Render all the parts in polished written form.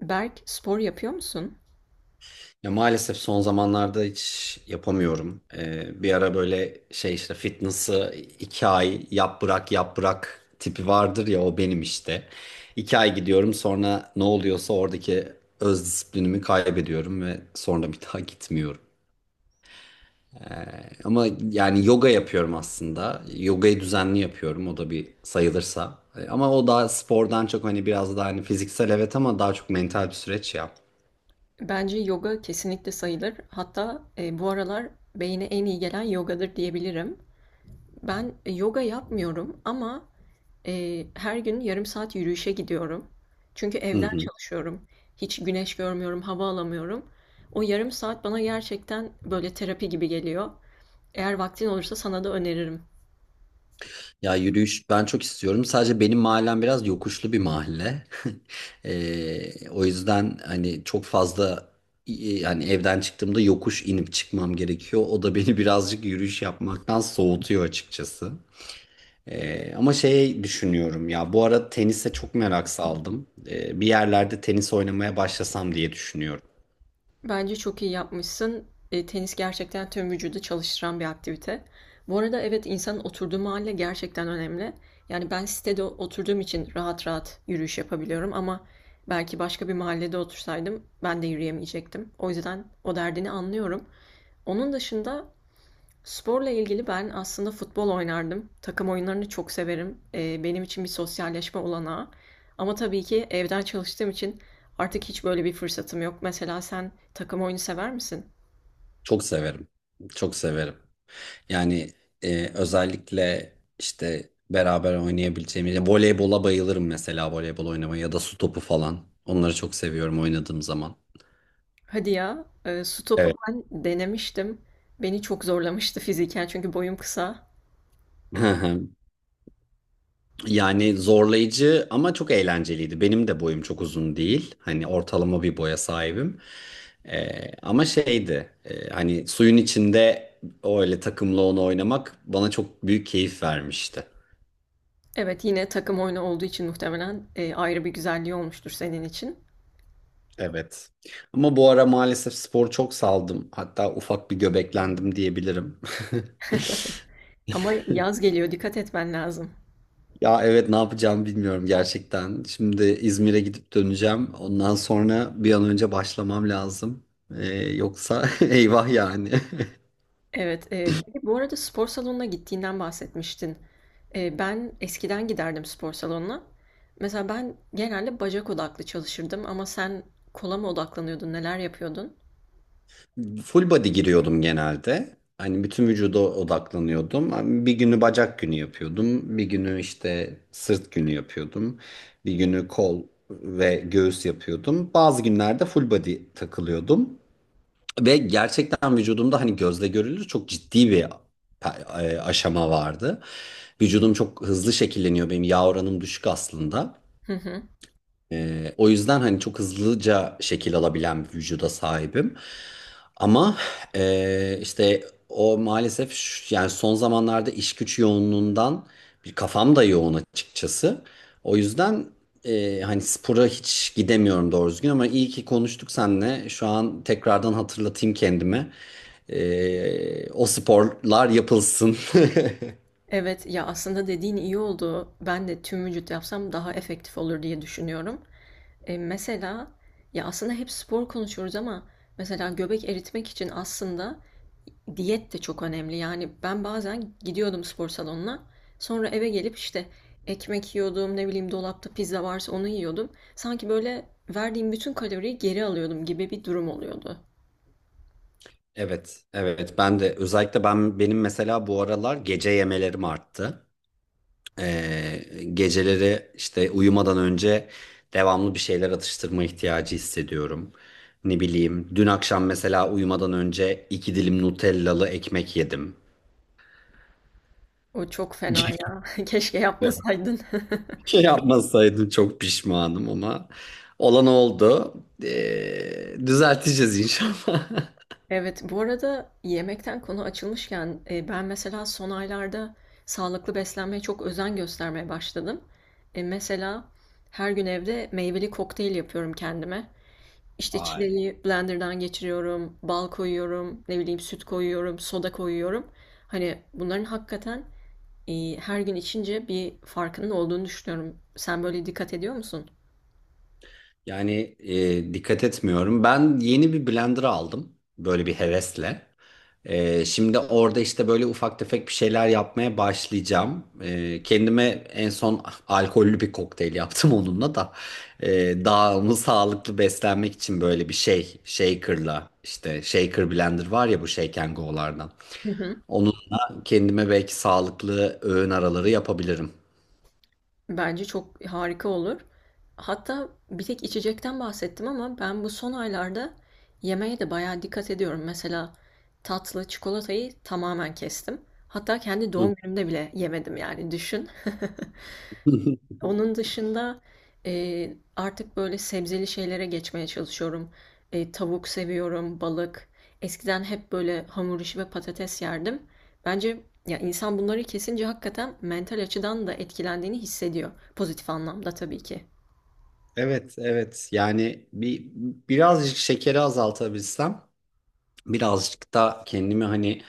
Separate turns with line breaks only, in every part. Berk, spor yapıyor musun?
Ya maalesef son zamanlarda hiç yapamıyorum. Bir ara böyle şey işte fitness'ı 2 ay yap bırak yap bırak tipi vardır ya o benim işte. 2 ay gidiyorum sonra ne oluyorsa oradaki öz disiplinimi kaybediyorum ve sonra bir daha gitmiyorum. Ama yani yoga yapıyorum aslında. Yogayı düzenli yapıyorum o da bir sayılırsa. Ama o daha spordan çok hani biraz daha hani fiziksel evet ama daha çok mental bir süreç ya.
Bence yoga kesinlikle sayılır. Hatta bu aralar beyne en iyi gelen yogadır diyebilirim. Ben yoga yapmıyorum ama her gün yarım saat yürüyüşe gidiyorum. Çünkü
Hı
evden
hı.
çalışıyorum. Hiç güneş görmüyorum, hava alamıyorum. O yarım saat bana gerçekten böyle terapi gibi geliyor. Eğer vaktin olursa sana da öneririm.
Ya yürüyüş ben çok istiyorum. Sadece benim mahallem biraz yokuşlu bir mahalle. O yüzden hani çok fazla hani evden çıktığımda yokuş inip çıkmam gerekiyor. O da beni birazcık yürüyüş yapmaktan soğutuyor açıkçası. Ama şey düşünüyorum ya bu ara tenise çok merak saldım. Bir yerlerde tenis oynamaya başlasam diye düşünüyorum.
Bence çok iyi yapmışsın. Tenis gerçekten tüm vücudu çalıştıran bir aktivite. Bu arada evet, insanın oturduğu mahalle gerçekten önemli. Yani ben sitede oturduğum için rahat rahat yürüyüş yapabiliyorum ama belki başka bir mahallede otursaydım ben de yürüyemeyecektim. O yüzden o derdini anlıyorum. Onun dışında sporla ilgili ben aslında futbol oynardım. Takım oyunlarını çok severim. Benim için bir sosyalleşme olanağı. Ama tabii ki evden çalıştığım için artık hiç böyle bir fırsatım yok. Mesela sen takım oyunu sever misin?
Çok severim. Çok severim. Yani özellikle işte beraber oynayabileceğimiz voleybola bayılırım mesela voleybol oynamayı ya da su topu falan. Onları çok seviyorum oynadığım zaman.
Hadi ya, su topu
Evet.
ben denemiştim. Beni çok zorlamıştı fiziken çünkü boyum kısa.
Yani zorlayıcı ama çok eğlenceliydi. Benim de boyum çok uzun değil. Hani ortalama bir boya sahibim. Ama şeydi, hani suyun içinde öyle takımla onu oynamak bana çok büyük keyif vermişti.
Evet, yine takım oyunu olduğu için muhtemelen ayrı bir güzelliği olmuştur senin için.
Evet. Ama bu ara maalesef spor çok saldım. Hatta ufak bir göbeklendim diyebilirim.
Ama yaz geliyor, dikkat etmen lazım.
Ya evet, ne yapacağımı bilmiyorum gerçekten. Şimdi İzmir'e gidip döneceğim. Ondan sonra bir an önce başlamam lazım. Yoksa eyvah yani.
Evet, peki bu arada spor salonuna gittiğinden bahsetmiştin. Ben eskiden giderdim spor salonuna. Mesela ben genelde bacak odaklı çalışırdım ama sen kola mı odaklanıyordun, neler yapıyordun?
Full body giriyordum genelde. Hani bütün vücuda odaklanıyordum. Hani bir günü bacak günü yapıyordum. Bir günü işte sırt günü yapıyordum. Bir günü kol ve göğüs yapıyordum. Bazı günlerde full body takılıyordum. Ve gerçekten vücudumda hani gözle görülür çok ciddi bir aşama vardı. Vücudum çok hızlı şekilleniyor. Benim yağ oranım düşük aslında.
Hı hı.
O yüzden hani çok hızlıca şekil alabilen bir vücuda sahibim. Ama işte o maalesef yani son zamanlarda iş güç yoğunluğundan bir kafam da yoğun açıkçası. O yüzden hani spora hiç gidemiyorum doğru düzgün, ama iyi ki konuştuk seninle. Şu an tekrardan hatırlatayım kendime. O sporlar yapılsın.
Evet, ya aslında dediğin iyi oldu. Ben de tüm vücut yapsam daha efektif olur diye düşünüyorum. Mesela ya aslında hep spor konuşuyoruz ama mesela göbek eritmek için aslında diyet de çok önemli. Yani ben bazen gidiyordum spor salonuna. Sonra eve gelip işte ekmek yiyordum, ne bileyim dolapta pizza varsa onu yiyordum. Sanki böyle verdiğim bütün kaloriyi geri alıyordum gibi bir durum oluyordu.
Evet, evet. Ben de özellikle benim mesela bu aralar gece yemelerim arttı. Ee, geceleri işte uyumadan önce devamlı bir şeyler atıştırma ihtiyacı hissediyorum. Ne bileyim, dün akşam mesela uyumadan önce iki dilim Nutellalı ekmek yedim.
O çok fena ya. Keşke yapmasaydın.
Şey, yapmasaydım çok pişmanım ama olan oldu. Düzelteceğiz inşallah.
Evet, bu arada yemekten konu açılmışken ben mesela son aylarda sağlıklı beslenmeye çok özen göstermeye başladım. Mesela her gün evde meyveli kokteyl yapıyorum kendime. İşte
Ay.
çileği blenderdan geçiriyorum, bal koyuyorum, ne bileyim süt koyuyorum, soda koyuyorum. Hani bunların hakikaten her gün içince bir farkının olduğunu düşünüyorum. Sen böyle dikkat ediyor musun?
Yani dikkat etmiyorum. Ben yeni bir blender aldım. Böyle bir hevesle. Şimdi orada işte böyle ufak tefek bir şeyler yapmaya başlayacağım. Kendime en son alkollü bir kokteyl yaptım onunla da. Daha onu sağlıklı beslenmek için böyle bir şey. Shaker'la işte, shaker blender var ya bu Shake and Go'lardan.
Hı hı.
Onunla kendime belki sağlıklı öğün araları yapabilirim.
Bence çok harika olur. Hatta bir tek içecekten bahsettim ama ben bu son aylarda yemeğe de bayağı dikkat ediyorum. Mesela tatlı çikolatayı tamamen kestim. Hatta kendi doğum günümde bile yemedim, yani düşün. Onun dışında e, artık böyle sebzeli şeylere geçmeye çalışıyorum. Tavuk seviyorum, balık. Eskiden hep böyle hamur işi ve patates yerdim. Bence ya insan bunları kesince hakikaten mental açıdan da etkilendiğini hissediyor. Pozitif anlamda tabii ki.
Evet, evet. Yani birazcık şekeri azaltabilsem, birazcık da kendimi hani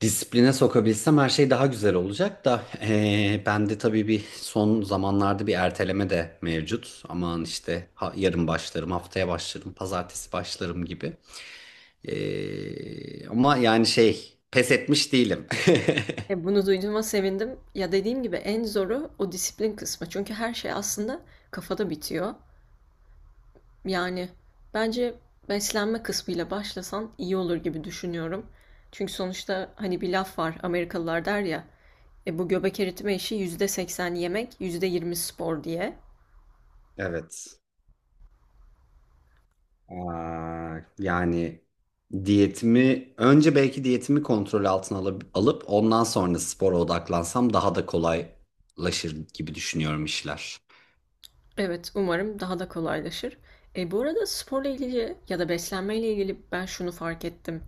disipline sokabilsem her şey daha güzel olacak da bende tabii bir son zamanlarda bir erteleme de mevcut. Aman işte, yarın başlarım, haftaya başlarım, pazartesi başlarım gibi. Ama yani şey, pes etmiş değilim.
Bunu duyduğuma sevindim. Ya dediğim gibi en zoru o disiplin kısmı. Çünkü her şey aslında kafada bitiyor. Yani bence beslenme kısmıyla başlasan iyi olur gibi düşünüyorum. Çünkü sonuçta hani bir laf var, Amerikalılar der ya, bu göbek eritme işi %80 yemek %20 spor diye.
Evet. Aa, yani diyetimi önce belki diyetimi kontrol altına alıp ondan sonra spora odaklansam daha da kolaylaşır gibi düşünüyorum işler.
Evet, umarım daha da kolaylaşır. Bu arada sporla ilgili ya da beslenmeyle ilgili ben şunu fark ettim.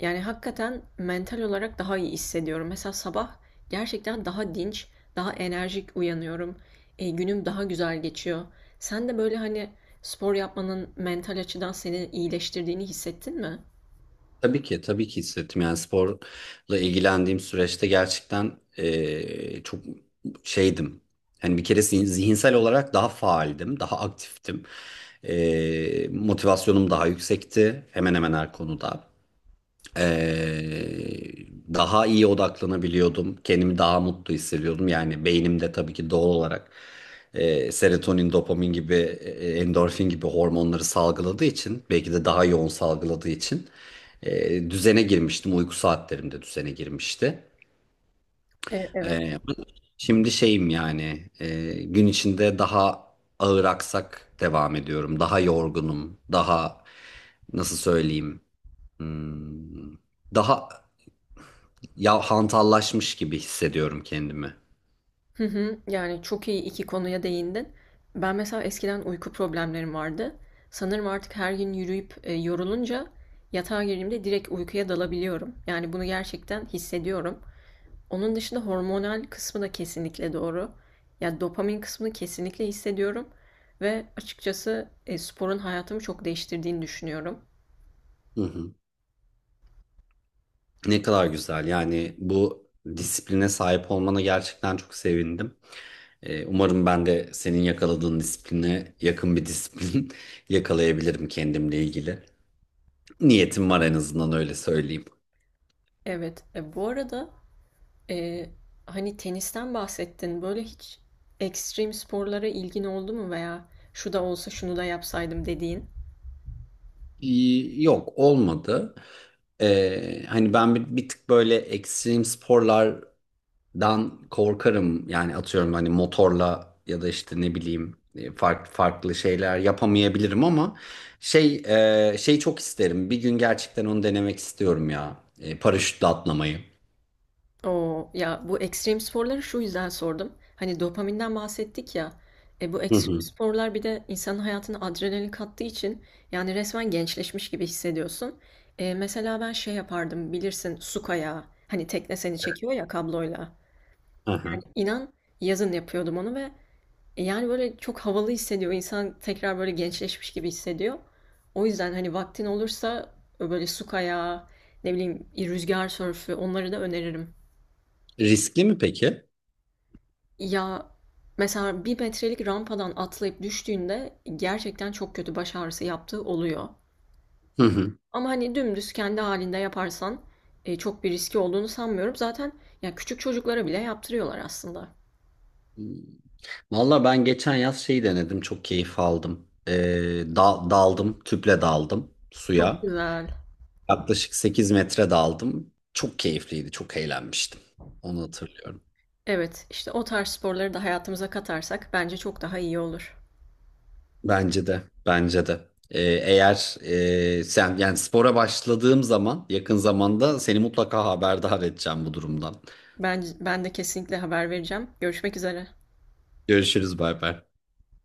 Yani hakikaten mental olarak daha iyi hissediyorum. Mesela sabah gerçekten daha dinç, daha enerjik uyanıyorum. Günüm daha güzel geçiyor. Sen de böyle, hani, spor yapmanın mental açıdan seni iyileştirdiğini hissettin mi?
Tabii ki, tabii ki hissettim. Yani sporla ilgilendiğim süreçte gerçekten çok şeydim. Hani bir kere zihinsel olarak daha faaldim, daha aktiftim. Motivasyonum daha yüksekti hemen hemen her konuda. Daha iyi odaklanabiliyordum. Kendimi daha mutlu hissediyordum. Yani beynimde tabii ki doğal olarak serotonin, dopamin gibi, endorfin gibi hormonları salgıladığı için, belki de daha yoğun salgıladığı için düzene girmiştim. Uyku saatlerim de düzene girmişti.
Evet.
E, şimdi şeyim, yani gün içinde daha ağır aksak devam ediyorum. Daha yorgunum, daha, nasıl söyleyeyim? hmm, Daha ya, hantallaşmış gibi hissediyorum kendimi.
Hı hı. Yani çok iyi 2 konuya değindin. Ben mesela eskiden uyku problemlerim vardı. Sanırım artık her gün yürüyüp, yorulunca yatağa girdiğimde direkt uykuya dalabiliyorum. Yani bunu gerçekten hissediyorum. Onun dışında hormonal kısmı da kesinlikle doğru. Ya dopamin kısmını kesinlikle hissediyorum ve açıkçası sporun hayatımı çok değiştirdiğini düşünüyorum.
Hı hı. Ne kadar güzel. Yani bu disipline sahip olmana gerçekten çok sevindim. Umarım ben de senin yakaladığın disipline yakın bir disiplin yakalayabilirim kendimle ilgili. Niyetim var, en azından öyle söyleyeyim.
Evet, bu arada e, hani tenisten bahsettin. Böyle hiç ekstrem sporlara ilgin oldu mu, veya şu da olsa şunu da yapsaydım dediğin?
Yok, olmadı. Hani ben bir tık böyle ekstrem sporlar dan korkarım. Yani atıyorum, hani motorla ya da işte ne bileyim farklı farklı şeyler yapamayabilirim ama şey, şey çok isterim, bir gün gerçekten onu denemek istiyorum ya, paraşütle atlamayı.
Oo, ya bu ekstrem sporları şu yüzden sordum. Hani dopaminden bahsettik ya. Bu
Hı
ekstrem
hı,
sporlar bir de insanın hayatına adrenalin kattığı için yani resmen gençleşmiş gibi hissediyorsun. Mesela ben şey yapardım, bilirsin, su kayağı. Hani tekne seni çekiyor ya kabloyla.
hı
Yani
hı.
inan, yazın yapıyordum onu ve yani böyle çok havalı hissediyor. İnsan tekrar böyle gençleşmiş gibi hissediyor. O yüzden hani vaktin olursa böyle su kayağı, ne bileyim rüzgar sörfü, onları da öneririm.
Riskli mi peki?
Ya mesela bir metrelik rampadan atlayıp düştüğünde gerçekten çok kötü baş ağrısı yaptığı oluyor.
Hı hı.
Ama hani dümdüz kendi halinde yaparsan çok bir riski olduğunu sanmıyorum. Zaten ya küçük çocuklara bile yaptırıyorlar aslında.
Valla ben geçen yaz şeyi denedim, çok keyif aldım. Daldım, tüple daldım
Çok
suya,
güzel.
yaklaşık 8 metre daldım. Çok keyifliydi, çok eğlenmiştim, onu hatırlıyorum.
Evet, işte o tarz sporları da hayatımıza katarsak bence çok daha iyi olur.
Bence de, bence de. Eğer sen yani spora başladığım zaman, yakın zamanda seni mutlaka haberdar edeceğim bu durumdan.
Ben de kesinlikle haber vereceğim. Görüşmek üzere.
Görüşürüz, bay bay.